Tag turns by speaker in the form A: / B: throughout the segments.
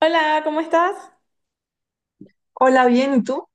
A: Hola, ¿cómo estás?
B: Hola, bien, ¿y tú?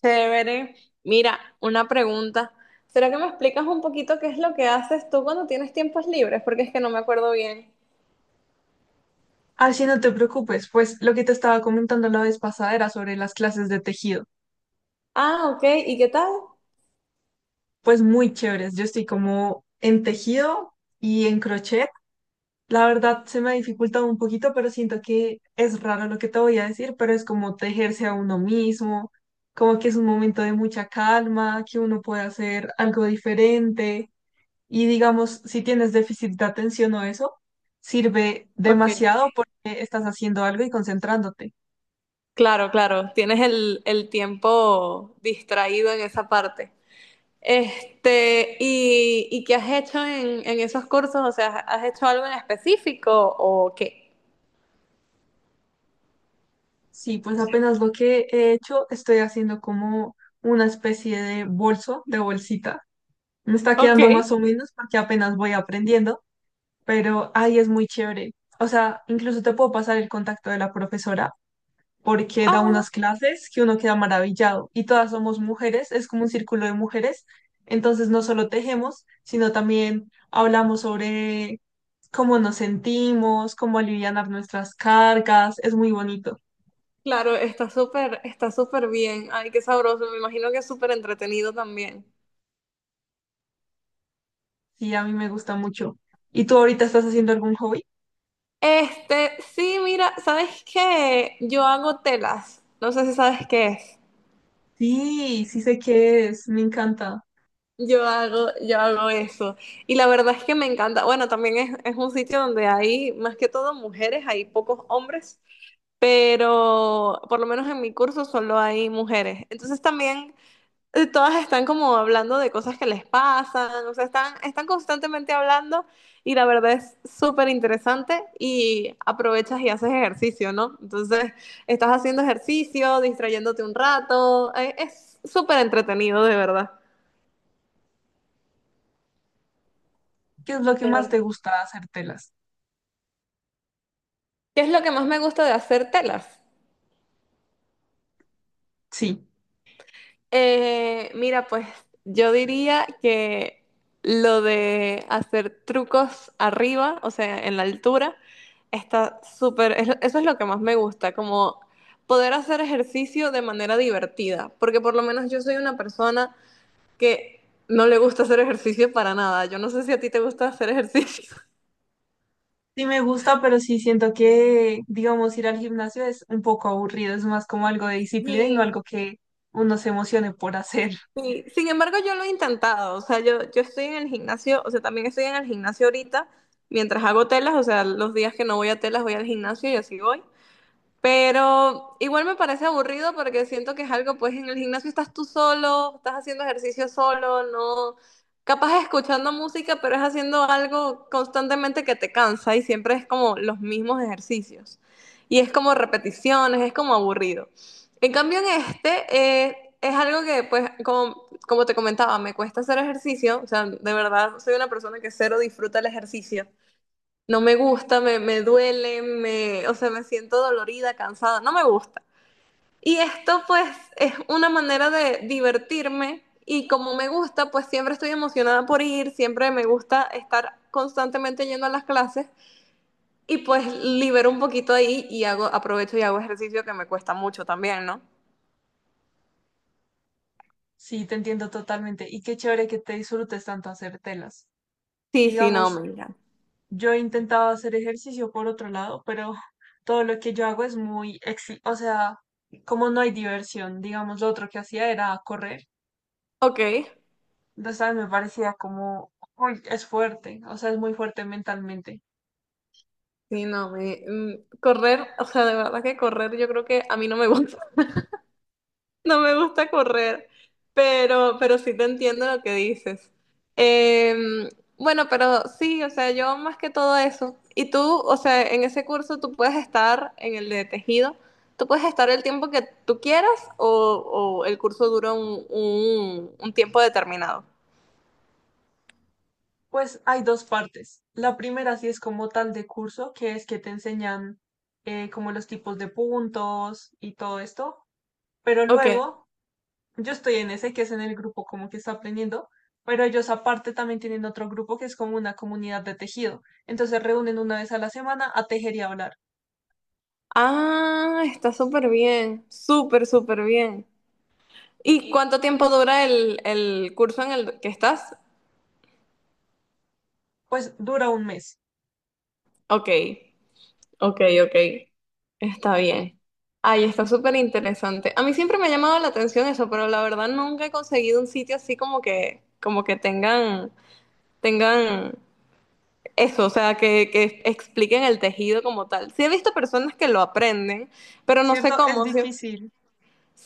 A: Chévere. Mira, una pregunta. ¿Será que me explicas un poquito qué es lo que haces tú cuando tienes tiempos libres? Porque es que no me acuerdo bien.
B: Así no te preocupes, pues lo que te estaba comentando la vez pasada era sobre las clases de tejido.
A: Ah, ok. ¿Y qué tal?
B: Pues muy chéveres, yo estoy como en tejido y en crochet. La verdad se me ha dificultado un poquito, pero siento que es raro lo que te voy a decir, pero es como tejerse a uno mismo, como que es un momento de mucha calma, que uno puede hacer algo diferente y digamos, si tienes déficit de atención o eso, sirve
A: Ok.
B: demasiado porque estás haciendo algo y concentrándote.
A: Claro, claro. Tienes el tiempo distraído en esa parte. Este, ¿y qué has hecho en esos cursos? O sea, ¿has hecho algo en específico o qué?
B: Sí, pues apenas lo que he hecho, estoy haciendo como una especie de bolso, de bolsita. Me está
A: Ok.
B: quedando más o menos porque apenas voy aprendiendo, pero ahí es muy chévere. O sea, incluso te puedo pasar el contacto de la profesora porque
A: Ah,
B: da
A: bueno.
B: unas clases que uno queda maravillado y todas somos mujeres, es como un círculo de mujeres. Entonces no solo tejemos, sino también hablamos sobre cómo nos sentimos, cómo alivianar nuestras cargas, es muy bonito.
A: Claro, está súper bien. Ay, qué sabroso. Me imagino que es súper entretenido también.
B: Sí, a mí me gusta mucho. ¿Y tú ahorita estás haciendo algún hobby?
A: Este, sí, mira, ¿sabes qué? Yo hago telas. No sé si sabes qué es.
B: Sí, sí sé qué es, me encanta.
A: Yo hago eso. Y la verdad es que me encanta. Bueno, también es un sitio donde hay más que todo mujeres, hay pocos hombres, pero por lo menos en mi curso solo hay mujeres. Entonces también todas están como hablando de cosas que les pasan, o sea, están, están constantemente hablando y la verdad es súper interesante y aprovechas y haces ejercicio, ¿no? Entonces, estás haciendo ejercicio, distrayéndote un rato, es súper entretenido, de verdad.
B: ¿Qué es lo que
A: De
B: más te
A: verdad.
B: gusta hacer telas?
A: ¿Qué es lo que más me gusta de hacer telas?
B: Sí,
A: Mira, pues yo diría que lo de hacer trucos arriba, o sea, en la altura, está súper, eso es lo que más me gusta, como poder hacer ejercicio de manera divertida, porque por lo menos yo soy una persona que no le gusta hacer ejercicio para nada. Yo no sé si a ti te gusta hacer ejercicio.
B: sí me gusta, pero sí siento que, digamos, ir al gimnasio es un poco aburrido, es más como algo de disciplina y no
A: Sí.
B: algo que uno se emocione por hacer.
A: Sí, sin embargo, yo lo he intentado, o sea, yo estoy en el gimnasio, o sea, también estoy en el gimnasio ahorita, mientras hago telas, o sea, los días que no voy a telas voy al gimnasio y así voy. Pero igual me parece aburrido porque siento que es algo, pues en el gimnasio estás tú solo, estás haciendo ejercicio solo, no, capaz escuchando música, pero es haciendo algo constantemente que te cansa y siempre es como los mismos ejercicios. Y es como repeticiones, es como aburrido. En cambio en este eh, es algo que, pues, como, como te comentaba, me cuesta hacer ejercicio, o sea, de verdad soy una persona que cero disfruta el ejercicio. No me gusta, me duele, me, o sea, me siento dolorida, cansada, no me gusta. Y esto pues es una manera de divertirme y como me gusta, pues siempre estoy emocionada por ir, siempre me gusta estar constantemente yendo a las clases y pues libero un poquito ahí y hago, aprovecho y hago ejercicio que me cuesta mucho también, ¿no?
B: Sí, te entiendo totalmente. Y qué chévere que te disfrutes tanto hacer telas.
A: Sí, sí, no,
B: Digamos,
A: me encanta.
B: yo he intentado hacer ejercicio por otro lado, pero todo lo que yo hago es muy, o sea, como no hay diversión, digamos, lo otro que hacía era correr.
A: Ok,
B: Entonces a mí me parecía como, uy, es fuerte, o sea, es muy fuerte mentalmente.
A: sí, no, me, correr, o sea, de verdad que correr yo creo que a mí no me gusta. No me gusta correr, pero sí te entiendo lo que dices. Em, bueno, pero sí, o sea, yo más que todo eso. Y tú, o sea, en ese curso tú puedes estar, en el de tejido, tú puedes estar el tiempo que tú quieras o el curso dura un tiempo determinado.
B: Pues hay dos partes. La primera sí es como tal de curso, que es que te enseñan como los tipos de puntos y todo esto, pero
A: Ok.
B: luego yo estoy en ese que es en el grupo como que está aprendiendo, pero ellos aparte también tienen otro grupo que es como una comunidad de tejido. Entonces reúnen una vez a la semana a tejer y a hablar.
A: Ah, está súper bien, súper, súper bien. ¿Y cuánto tiempo dura el curso en el que estás?
B: Pues dura un mes,
A: Ok. Ok, ok. Está bien. Ay, está súper interesante. A mí siempre me ha llamado la atención eso, pero la verdad nunca he conseguido un sitio así como que tengan, tengan eso, o sea, que expliquen el tejido como tal. Sí he visto personas que lo aprenden, pero no sé
B: ¿cierto? Es
A: cómo. Sí,
B: difícil.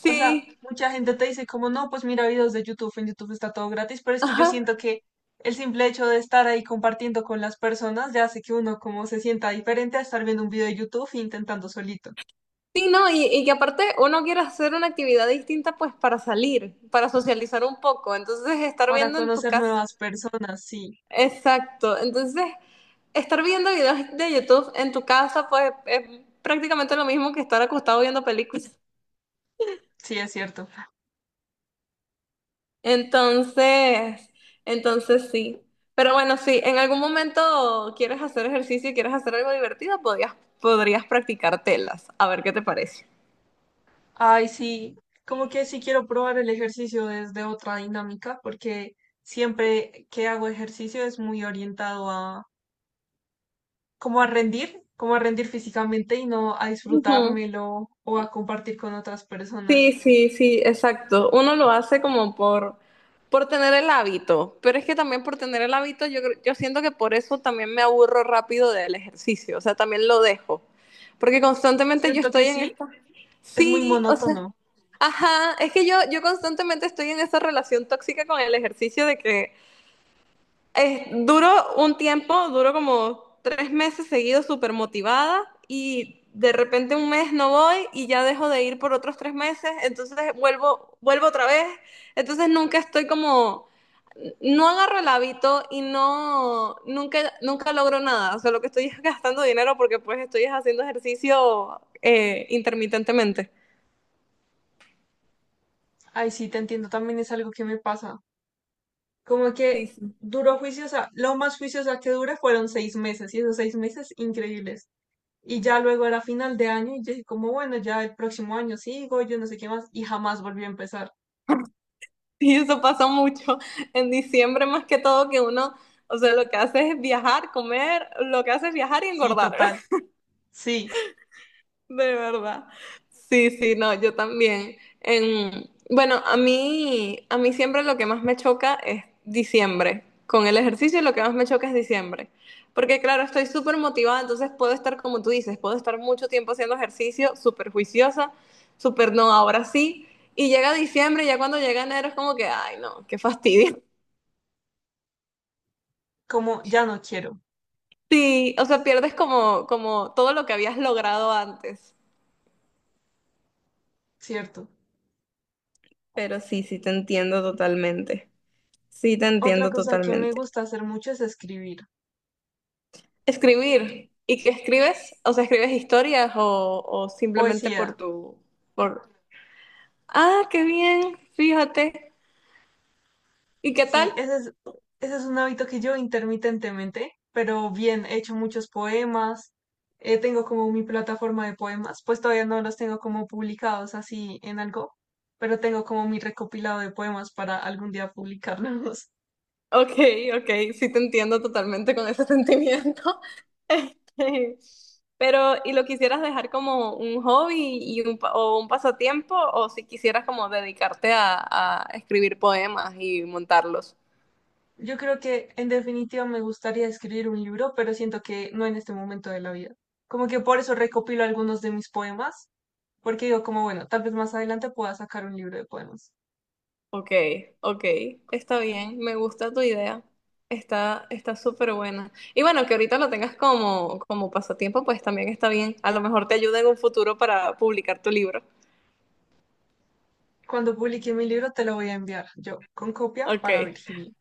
B: O sea, mucha gente te dice como, no, pues mira videos de YouTube, en YouTube está todo gratis, pero es que yo
A: ajá.
B: siento que el simple hecho de estar ahí compartiendo con las personas ya hace que uno como se sienta diferente a estar viendo un video de YouTube e intentando solito.
A: Sí, no, y que aparte uno quiere hacer una actividad distinta pues para salir, para socializar un poco. Entonces, estar
B: Para
A: viendo en tu
B: conocer
A: casa.
B: nuevas personas, sí,
A: Exacto. Entonces, estar viendo videos de YouTube en tu casa, pues es prácticamente lo mismo que estar acostado viendo películas.
B: sí es cierto.
A: Entonces, entonces sí. Pero bueno, si en algún momento quieres hacer ejercicio y quieres hacer algo divertido, podías, podrías practicar telas. A ver qué te parece.
B: Ay, sí, como que sí quiero probar el ejercicio desde otra dinámica, porque siempre que hago ejercicio es muy orientado a como a rendir físicamente y no a
A: Ujú.
B: disfrutármelo o a compartir con otras
A: Sí,
B: personas.
A: sí, sí, exacto. Uno lo hace como por tener el hábito, pero es que también por tener el hábito, yo, yo siento que por eso también me aburro rápido del ejercicio, o sea, también lo dejo, porque constantemente yo
B: ¿Cierto que
A: estoy en
B: sí?
A: esta...
B: Es muy
A: Sí, o sea,
B: monótono.
A: ajá, es que yo constantemente estoy en esa relación tóxica con el ejercicio de que es, duró un tiempo, duró como tres meses seguidos súper motivada y de repente un mes no voy y ya dejo de ir por otros tres meses, entonces vuelvo, vuelvo otra vez, entonces nunca estoy como, no agarro el hábito y no, nunca, nunca logro nada, o sea, lo que estoy es gastando dinero porque pues estoy es haciendo ejercicio intermitentemente.
B: Ay, sí, te entiendo, también es algo que me pasa. Como
A: Sí,
B: que
A: sí.
B: duró juiciosa, lo más juiciosa que dura fueron 6 meses y esos 6 meses increíbles. Y ya luego era final de año y yo dije como, bueno, ya el próximo año sigo, yo no sé qué más, y jamás volví a empezar.
A: Y eso pasa mucho en diciembre más que todo que uno, o sea, lo que hace es viajar, comer, lo que hace es viajar y
B: Sí,
A: engordar,
B: total. Sí,
A: de verdad. Sí, sí, no, yo también. En, bueno, a mí siempre lo que más me choca es diciembre. Con el ejercicio lo que más me choca es diciembre. Porque claro, estoy súper motivada, entonces puedo estar como tú dices, puedo estar mucho tiempo haciendo ejercicio, súper juiciosa, súper no, ahora sí. Y llega diciembre, y ya cuando llega enero es como que, ay, no, qué fastidio.
B: como ya no quiero,
A: Sí, o sea, pierdes como, como todo lo que habías logrado antes.
B: ¿cierto?
A: Pero sí, sí te entiendo totalmente. Sí te
B: Otra
A: entiendo
B: cosa que me
A: totalmente.
B: gusta hacer mucho es escribir
A: Escribir. ¿Y qué escribes? O sea, ¿escribes historias o simplemente por
B: poesía.
A: tu, por... Ah, qué bien, fíjate. ¿Y qué tal?
B: Sí, ese es un hábito que yo intermitentemente, pero bien, he hecho muchos poemas, tengo como mi plataforma de poemas, pues todavía no los tengo como publicados así en algo, pero tengo como mi recopilado de poemas para algún día publicarlos.
A: Ok, ok, sí te entiendo totalmente con ese sentimiento. Este, pero, ¿y lo quisieras dejar como un hobby y un, o un pasatiempo? ¿O si quisieras como dedicarte a escribir poemas y montarlos?
B: Yo creo que en definitiva me gustaría escribir un libro, pero siento que no en este momento de la vida. Como que por eso recopilo algunos de mis poemas, porque digo como, bueno, tal vez más adelante pueda sacar un libro de poemas.
A: Ok, ok, está bien, me gusta tu idea. Está, está súper buena. Y bueno, que ahorita lo tengas como, como pasatiempo, pues también está bien. A lo mejor te ayuda en un futuro para publicar tu libro.
B: Cuando publique mi libro te lo voy a enviar yo, con copia
A: Ok.
B: para Virginia.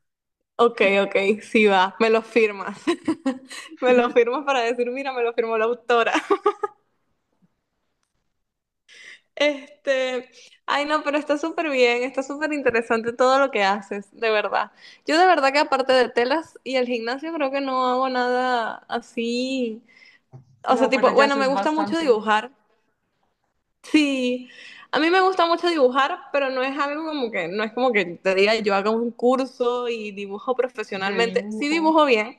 A: Ok, ok, sí va, me lo firmas. Me lo firmas para decir, mira, me lo firmó la autora. Este, ay no, pero está súper bien, está súper interesante todo lo que haces, de verdad. Yo de verdad que aparte de telas y el gimnasio creo que no hago nada así. O sea,
B: No, pero
A: tipo,
B: ya
A: bueno, me
B: haces
A: gusta mucho
B: bastante
A: dibujar. Sí, a mí me gusta mucho dibujar, pero no es algo como que, no es como que te diga yo haga un curso y dibujo
B: de
A: profesionalmente. Sí
B: dibujo,
A: dibujo bien,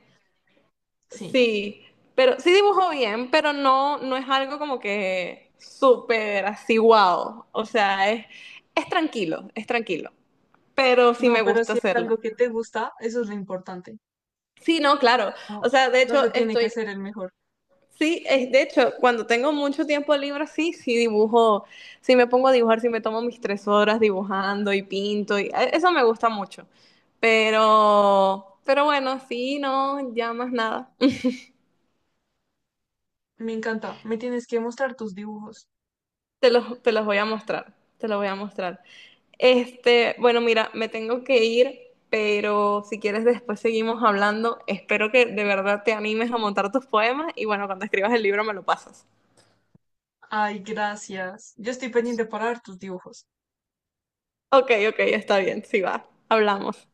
B: sí.
A: Sí, pero sí dibujo bien, pero no, no es algo como que súper así wow. O sea, es tranquilo, pero sí
B: No,
A: me
B: pero
A: gusta
B: si es
A: hacerlo.
B: algo que te gusta, eso es lo importante.
A: Sí, no, claro. O
B: Como
A: sea, de
B: no se
A: hecho,
B: tiene que
A: estoy,
B: ser el mejor.
A: sí, es, de hecho, cuando tengo mucho tiempo libre, sí, sí dibujo, sí me pongo a dibujar, sí me tomo mis tres horas dibujando y pinto, y eso me gusta mucho. Pero bueno, sí, no, ya más nada.
B: Me encanta, me tienes que mostrar tus dibujos.
A: Te los voy a mostrar, te los voy a mostrar. Este, bueno, mira, me tengo que ir, pero si quieres después seguimos hablando. Espero que de verdad te animes a montar tus poemas y bueno, cuando escribas el libro me lo pasas.
B: Ay, gracias. Yo estoy pendiente para ver tus dibujos.
A: Ok, ok, está bien, sí va. Hablamos.